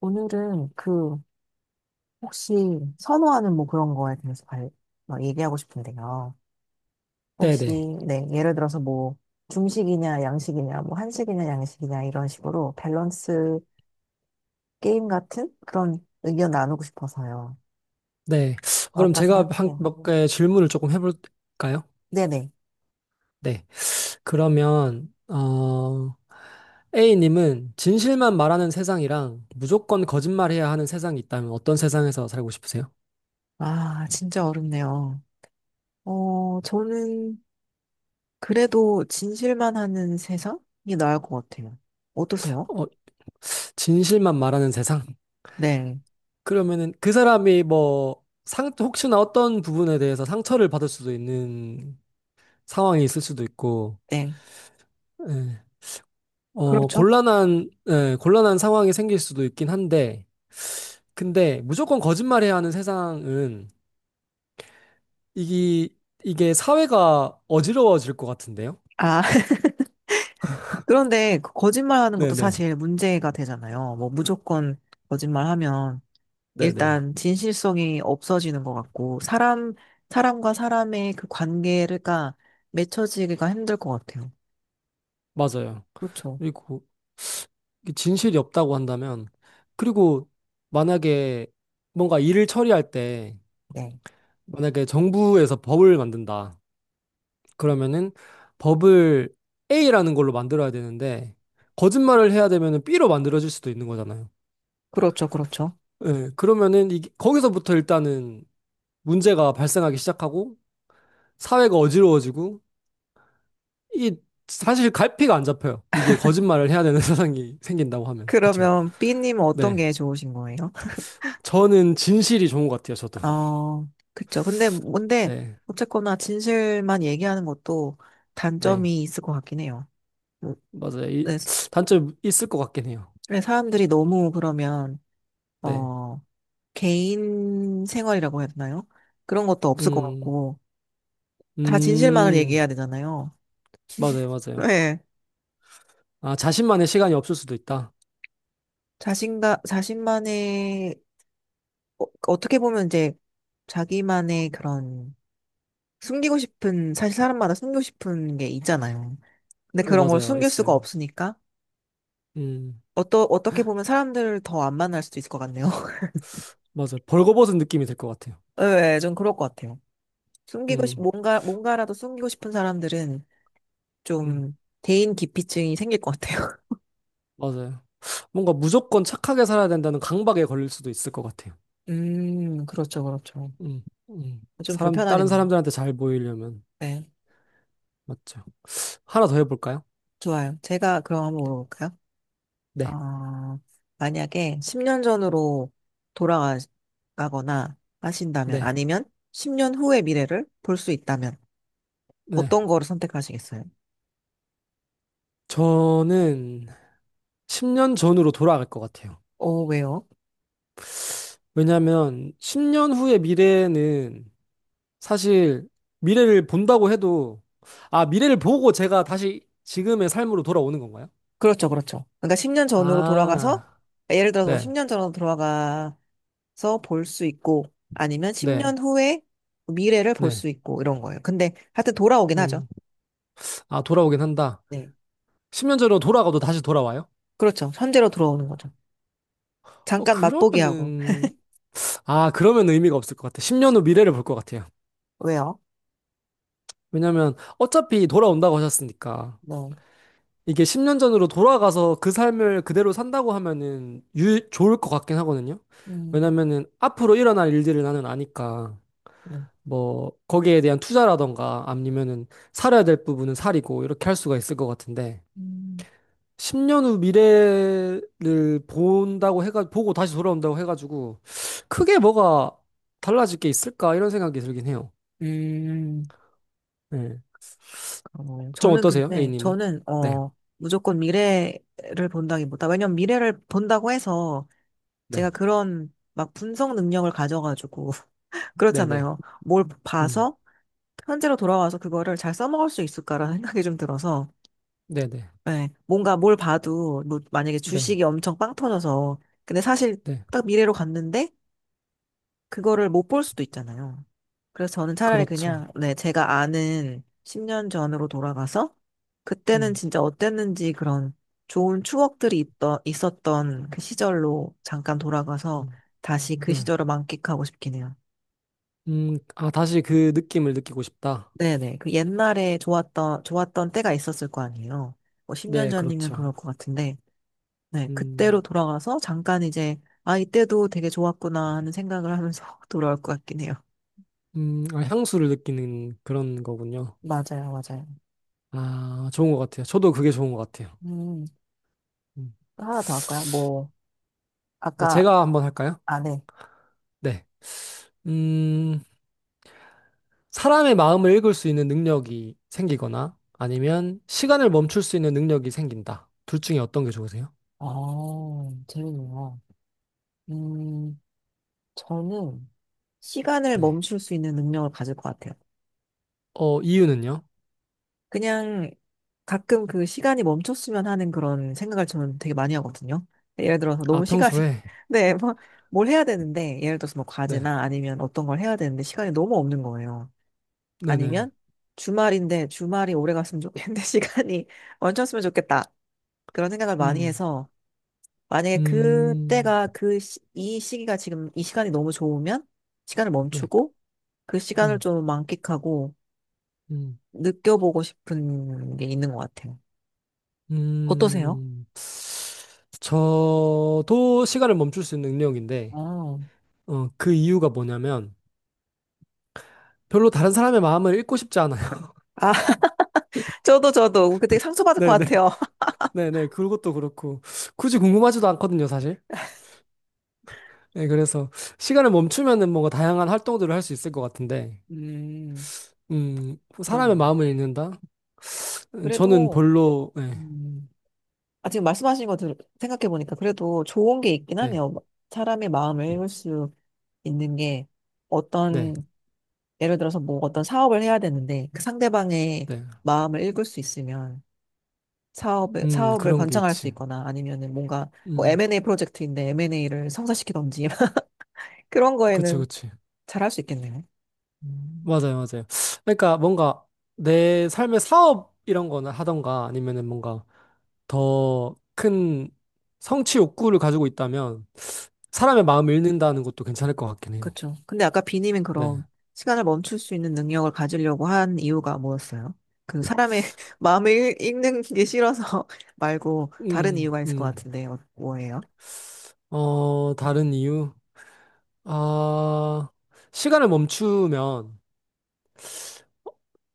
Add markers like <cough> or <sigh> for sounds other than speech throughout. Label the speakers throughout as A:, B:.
A: 오늘은 혹시 선호하는 뭐 그런 거에 대해서 막 얘기하고 싶은데요. 혹시,
B: 네네.
A: 네, 예를 들어서 뭐, 중식이냐, 양식이냐, 뭐, 한식이냐, 양식이냐, 이런 식으로 밸런스 게임 같은 그런 의견 나누고 싶어서요.
B: 네. 그럼
A: 어떠세요?
B: 제가 한,
A: 네.
B: 몇 개 질문을 조금 해볼까요?
A: 네네.
B: 네. 그러면, A님은 진실만 말하는 세상이랑 무조건 거짓말해야 하는 세상이 있다면 어떤 세상에서 살고 싶으세요?
A: 아, 진짜 어렵네요. 저는 그래도 진실만 하는 세상이 나을 것 같아요. 어떠세요?
B: 어, 진실만 말하는 세상? <laughs>
A: 네,
B: 그러면은 그 사람이 뭐, 혹시나 어떤 부분에 대해서 상처를 받을 수도 있는 상황이 있을 수도 있고,
A: 네.
B: 예.
A: 그렇죠.
B: 곤란한, 예, 곤란한 상황이 생길 수도 있긴 한데, 근데 무조건 거짓말해야 하는 세상은 이게 사회가 어지러워질 것 같은데요?
A: 아, 그런데 그 거짓말하는 것도
B: 네네.
A: 사실 문제가 되잖아요. 뭐 무조건 거짓말하면
B: 네네.
A: 일단 진실성이 없어지는 것 같고 사람과 사람의 그 관계가 맺혀지기가 힘들 것 같아요.
B: 맞아요.
A: 그렇죠.
B: 그리고 이게 진실이 없다고 한다면 그리고 만약에 뭔가 일을 처리할 때
A: 네.
B: 만약에 정부에서 법을 만든다. 그러면은 법을 A라는 걸로 만들어야 되는데 거짓말을 해야 되면은 B로 만들어질 수도 있는 거잖아요.
A: 그렇죠, 그렇죠.
B: 예, 그러면은 이게 거기서부터 일단은 문제가 발생하기 시작하고 사회가 어지러워지고 이게 사실 갈피가 안 잡혀요. 이게 거짓말을 해야 되는 <laughs> 세상이 생긴다고 하면 그쵸?
A: 그러면 B님은 어떤
B: 네,
A: 게 좋으신 거예요?
B: 저는 진실이 좋은 것 같아요. 저도
A: 어, 그쵸. 근데 뭔데
B: 네,
A: 어쨌거나 진실만 얘기하는 것도
B: 네
A: 단점이 있을 것 같긴 해요. 뭐,
B: 맞아요.
A: 네,
B: 단점 있을 것 같긴 해요.
A: 네, 사람들이 너무 그러면
B: 네,
A: 어. 개인 생활이라고 해야 되나요? 그런 것도 없을 것
B: 음,
A: 같고, 다 진실만을
B: 음
A: 얘기해야 되잖아요.
B: 맞아요, 맞아요.
A: 네.
B: 아 자신만의 시간이 없을 수도 있다.
A: 자신만의, 어떻게 보면 이제 자기만의 그런 숨기고 싶은, 사실 사람마다 숨기고 싶은 게 있잖아요. 근데
B: 네,
A: 그런 걸
B: 맞아요,
A: 숨길 수가
B: 있어요.
A: 없으니까,
B: 음
A: 어떻게 보면 사람들을 더 안 만날 수도 있을 것 같네요. <laughs>
B: 맞아요. 벌거벗은 느낌이 들 것 같아요.
A: 네, 좀 그럴 것 같아요.
B: 음,
A: 뭔가라도 숨기고 싶은 사람들은
B: 음
A: 좀 대인 기피증이 생길 것 같아요.
B: 맞아요. 뭔가 무조건 착하게 살아야 된다는 강박에 걸릴 수도 있을 것 같아요.
A: <laughs> 그렇죠, 그렇죠.
B: 음, 음.
A: 좀
B: 사람, 다른
A: 불편하겠네.
B: 사람들한테 잘 보이려면,
A: 네,
B: 맞죠. 하나 더 해볼까요?
A: 좋아요. 제가 그럼 한번 물어볼까요?
B: 네,
A: 어, 만약에 10년 전으로 돌아가거나 하신다면,
B: 네,
A: 아니면 10년 후의 미래를 볼 수 있다면,
B: 네.
A: 어떤 거를 선택하시겠어요?
B: 저는 10년 전으로 돌아갈 것 같아요.
A: 왜요?
B: 왜냐하면 10년 후의 미래는 사실 미래를 본다고 해도, 아, 미래를 보고 제가 다시 지금의 삶으로 돌아오는 건가요?
A: 그렇죠, 그렇죠. 그러니까 10년 전으로 돌아가서,
B: 아,
A: 예를 들어서 뭐
B: 네,
A: 10년 전으로 돌아가서 볼 수 있고, 아니면
B: 네,
A: 10년 후의 미래를 볼
B: 네.
A: 수 있고, 이런 거예요. 근데 하여튼 돌아오긴 하죠.
B: 음, 아, 돌아오긴 한다.
A: 네.
B: 10년 전으로 돌아가도 다시 돌아와요?
A: 그렇죠. 현재로 돌아오는 거죠. 잠깐 맛보기 하고.
B: 그러면은, 아, 그러면 의미가 없을 것 같아. 10년 후 미래를 볼 것 같아요.
A: 왜요?
B: 왜냐면 어차피 돌아온다고 하셨으니까.
A: 네.
B: 이게 10년 전으로 돌아가서 그 삶을 그대로 산다고 하면은 좋을 것 같긴 하거든요.
A: 음,
B: 왜냐면은 앞으로 일어날 일들을 나는 아니까
A: 네.
B: 뭐 거기에 대한 투자라던가 아니면은 살아야 될 부분은 살이고 이렇게 할 수가 있을 것 같은데
A: 음,
B: 10년 후 미래를 본다고 해가 보고 다시 돌아온다고 해가지고 크게 뭐가 달라질 게 있을까 이런 생각이 들긴 해요.
A: 음,
B: 네.
A: 그러네요.
B: 좀
A: 저는
B: 어떠세요,
A: 근데,
B: A님은? 네,
A: 무조건 미래를 본다기보다, 왜냐면 미래를 본다고 해서
B: 네,
A: 제가 그런 막 분석 능력을 가져가지고, <laughs>
B: 네, 네,
A: 그렇잖아요. 뭘
B: 음,
A: 봐서 현재로 돌아와서 그거를 잘 써먹을 수 있을까라는 생각이 좀 들어서,
B: 네, 네,
A: 네, 뭔가 뭘 봐도, 뭐 만약에
B: 네,
A: 주식이 엄청 빵 터져서, 근데 사실
B: 네,
A: 딱 미래로 갔는데, 그거를 못 볼 수도 있잖아요. 그래서 저는 차라리
B: 그렇죠.
A: 그냥, 네, 제가 아는 10년 전으로 돌아가서, 그때는
B: 음,
A: 진짜 어땠는지 그런 좋은 추억들이 있었던 그 시절로 잠깐 돌아가서
B: 음,
A: 다시 그
B: 네,
A: 시절을 만끽하고 싶긴 해요.
B: 아, 다시 그 느낌을 느끼고 싶다.
A: 네네. 그 옛날에 좋았던, 좋았던 때가 있었을 거 아니에요. 뭐 10년
B: 네,
A: 전이면 그럴
B: 그렇죠.
A: 것 같은데, 네, 그때로
B: 음,
A: 돌아가서 잠깐 이제, 아, 이때도 되게 좋았구나 하는 생각을 하면서 <laughs> 돌아올 것 같긴 해요.
B: 아, 향수를 느끼는 그런 거군요.
A: 맞아요, 맞아요.
B: 아, 좋은 것 같아요. 저도 그게 좋은 것 같아요.
A: 음.
B: 음.
A: 하나 더 할까요? 뭐,
B: 네,
A: 아까,
B: 제가 한번 할까요?
A: 안 해.
B: 네, 음, 사람의 마음을 읽을 수 있는 능력이 생기거나 아니면 시간을 멈출 수 있는 능력이 생긴다. 둘 중에 어떤 게 좋으세요?
A: 아, 재밌네요. 음, 저는 시간을
B: 네.
A: 멈출 수 있는 능력을 가질 것 같아요.
B: 이유는요?
A: 그냥 가끔 그 시간이 멈췄으면 하는 그런 생각을 저는 되게 많이 하거든요. 예를 들어서 너무
B: 아,
A: 시간이, <laughs>
B: 평소에?
A: 네, 뭐, 뭘 해야 되는데, 예를 들어서 뭐
B: 네,
A: 과제나 아니면 어떤 걸 해야 되는데 시간이 너무 없는 거예요.
B: 네네.
A: 아니면 주말인데 주말이 오래 갔으면 좋겠는데 <laughs> 시간이 멈췄으면 좋겠다. 그런 생각을 많이
B: 음,
A: 해서 만약에
B: 음,
A: 그때가 이 시기가 지금 이 시간이 너무 좋으면 시간을
B: 네,
A: 멈추고 그 시간을
B: 음,
A: 좀 만끽하고
B: 음,
A: 느껴보고 싶은 게 있는 것 같아요. 어떠세요?
B: 음. 저도 시간을 멈출 수 있는 능력인데,
A: 아,
B: 그 이유가 뭐냐면, 별로 다른 사람의 마음을 읽고 싶지 않아요. <laughs>
A: 아, <laughs> 저도 그때 상처받을 것
B: 네네,
A: 같아요. <laughs>
B: 네네. 그것도 그렇고, 굳이 궁금하지도 않거든요, 사실. 네, 그래서, 시간을 멈추면은 뭔가 다양한 활동들을 할 수 있을 것 같은데,
A: 음,
B: 음, 사람의
A: 그러네요.
B: 마음을 읽는다? 저는
A: 그래도
B: 별로, 네,
A: 음, 지금 말씀하신 거 생각해 보니까 그래도 좋은 게 있긴
B: 네,
A: 하네요. 사람의 마음을 읽을 수 있는 게
B: 네.
A: 어떤 예를 들어서 뭐 어떤 사업을 해야 되는데 그 상대방의
B: 네.
A: 마음을 읽을 수 있으면 사업을 사업을
B: 그런 게
A: 번창할 수
B: 있지.
A: 있거나 아니면은 뭔가 뭐
B: 음,
A: M&A 프로젝트인데 M&A를 성사시키던지 <laughs> 그런
B: 그치,
A: 거에는
B: 그치.
A: 잘할 수 있겠네요. 음,
B: 맞아요, 맞아요. 그러니까 뭔가 내 삶의 사업 이런 거나 하던가 아니면은 뭔가 더 큰 성취 욕구를 가지고 있다면 사람의 마음을 읽는다는 것도 괜찮을 것 같긴 해요.
A: 그렇죠. 근데 아까 비님은
B: 네.
A: 그럼 시간을 멈출 수 있는 능력을 가지려고 한 이유가 뭐였어요? 그 사람의 <laughs> 마음을 읽는 게 싫어서 <laughs> 말고 다른
B: 음,
A: 이유가 있을 것
B: 음.
A: 같은데 뭐예요?
B: 다른 이유? 아, 시간을 멈추면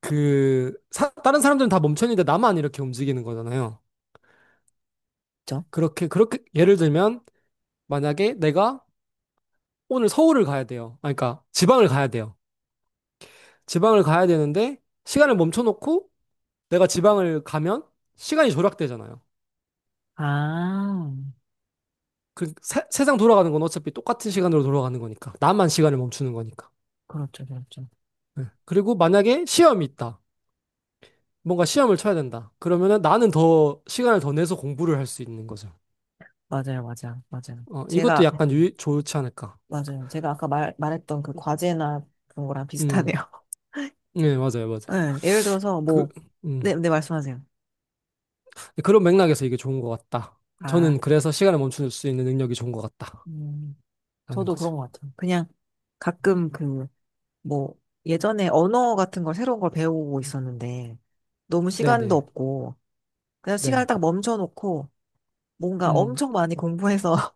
B: 다른 사람들은 다 멈췄는데 나만 이렇게 움직이는 거잖아요.
A: 그렇죠?
B: 그렇게, 그렇게, 예를 들면 만약에 내가 오늘 서울을 가야 돼요. 아, 그러니까 지방을 가야 돼요. 지방을 가야 되는데 시간을 멈춰놓고 내가 지방을 가면 시간이 조락되잖아요.
A: 아,
B: 그 세상 돌아가는 건 어차피 똑같은 시간으로 돌아가는 거니까. 나만 시간을 멈추는 거니까.
A: 그렇죠, 그렇죠.
B: 네. 그리고 만약에 시험이 있다. 뭔가 시험을 쳐야 된다. 그러면은 나는 더 시간을 더 내서 공부를 할 수 있는 거죠.
A: 맞아요, 맞아요, 맞아요.
B: 이것도
A: 제가
B: 약간 좋지 않을까.
A: 맞아요. 제가 아까 말했던 그 과제나 그런 거랑
B: 음,
A: 비슷하네요.
B: 네, 맞아요,
A: <laughs>
B: 맞아요.
A: 네, 예를 들어서
B: 그,
A: 뭐,
B: 음,
A: 네, 네, 말씀하세요.
B: 그런 맥락에서 이게 좋은 것 같다.
A: 아,
B: 저는 그래서 시간을 멈출 수 있는 능력이 좋은 것 같다.
A: 음,
B: 라는
A: 저도
B: 거죠.
A: 그런 것 같아요. 그냥 가끔 뭐, 예전에 언어 같은 걸 새로운 걸 배우고 있었는데, 너무 시간도
B: 네네.
A: 없고, 그냥
B: 네.
A: 시간을 딱 멈춰놓고, 뭔가
B: 음,
A: 엄청 많이 공부해서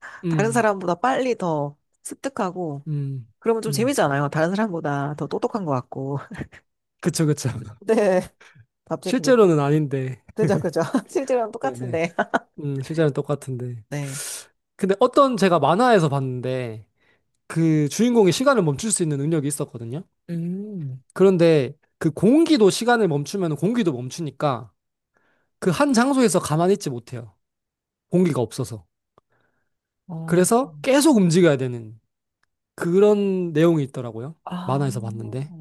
A: <laughs> 다른
B: 음,
A: 사람보다 빨리 더 습득하고,
B: 음,
A: 그러면 좀
B: 음.
A: 재미잖아요. 다른 사람보다 더 똑똑한 것 같고. <laughs>
B: 그쵸, 그쵸. <laughs>
A: 네, 갑자기 그게.
B: 실제로는 아닌데.
A: 그죠, 그죠. <laughs> 실제로는
B: 네네.
A: 똑같은데.
B: 실제로는 똑같은데.
A: <laughs> 네.
B: 근데 어떤 제가 만화에서 봤는데, 그 주인공이 시간을 멈출 수 있는 능력이 있었거든요.
A: 음,
B: 그런데 그 공기도 시간을 멈추면 공기도 멈추니까 그 한 장소에서 가만히 있지 못해요. 공기가 없어서.
A: 어,
B: 그래서 계속 움직여야 되는 그런 내용이 있더라고요.
A: 아,
B: 만화에서 봤는데.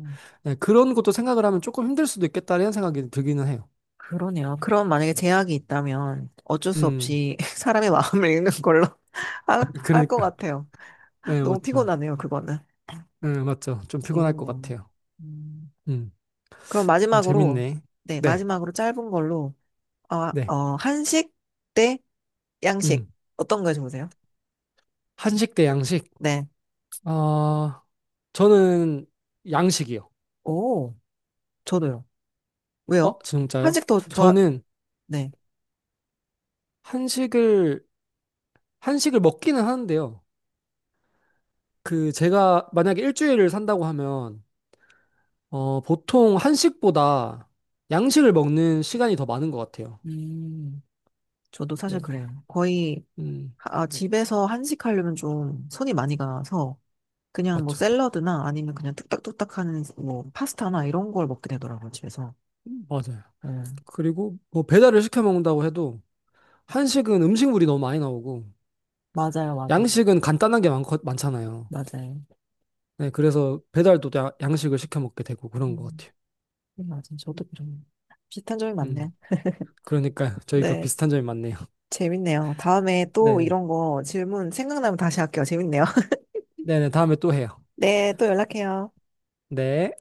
B: 네, 그런 것도 생각을 하면 조금 힘들 수도 있겠다는 생각이 들기는 해요.
A: 그러네요. 그럼 만약에 제약이 있다면 어쩔 수
B: 음.
A: 없이 <laughs> 사람의 마음을 읽는 걸로 <laughs>
B: <laughs>
A: 할 것
B: 그러니까.
A: 같아요.
B: 네,
A: 너무
B: 맞죠.
A: 피곤하네요, 그거는.
B: 네, 맞죠. 좀 피곤할 것
A: 재밌네요.
B: 같아요.
A: 음,
B: 음,
A: 그럼 마지막으로,
B: 재밌네.
A: 네,
B: 네,
A: 마지막으로 짧은 걸로,
B: 네.
A: 한식 대 양식.
B: 음,
A: 어떤 거 좋으세요?
B: 한식 대 양식.
A: 네.
B: 아, 저는 양식이요.
A: 오, 저도요. 왜요?
B: 진짜요?
A: 한식 더 좋아,
B: 저는
A: 네.
B: 한식을, 한식을 먹기는 하는데요. 그, 제가 만약에 일주일을 산다고 하면, 보통 한식보다 양식을 먹는 시간이 더 많은 것 같아요.
A: 음, 저도 사실
B: 네.
A: 그래요.
B: 음,
A: 집에서 한식하려면 좀 손이 많이 가서 그냥 뭐
B: 맞죠.
A: 샐러드나 아니면 그냥 뚝딱뚝딱 하는 뭐 파스타나 이런 걸 먹게 되더라고요, 집에서.
B: 맞아요.
A: 음,
B: 그리고 뭐 배달을 시켜 먹는다고 해도, 한식은 음식물이 너무 많이 나오고
A: 맞아요, 맞아요,
B: 양식은 간단한 게 많, 많잖아요.
A: 맞아요.
B: 네, 그래서 배달도 양식을 시켜 먹게 되고 그런 것
A: 음,
B: 같아요.
A: 맞아요. 저도 그런 비슷한 점이
B: 음,
A: 많네요.
B: 그러니까 저희가
A: 네,
B: 비슷한 점이 많네요. <laughs>
A: 재밌네요. 다음에 또
B: 네,
A: 이런 거 질문 생각나면 다시 할게요. 재밌네요. <laughs>
B: 네, 네, 다음에 또 해요.
A: 네, 또 연락해요.
B: 네.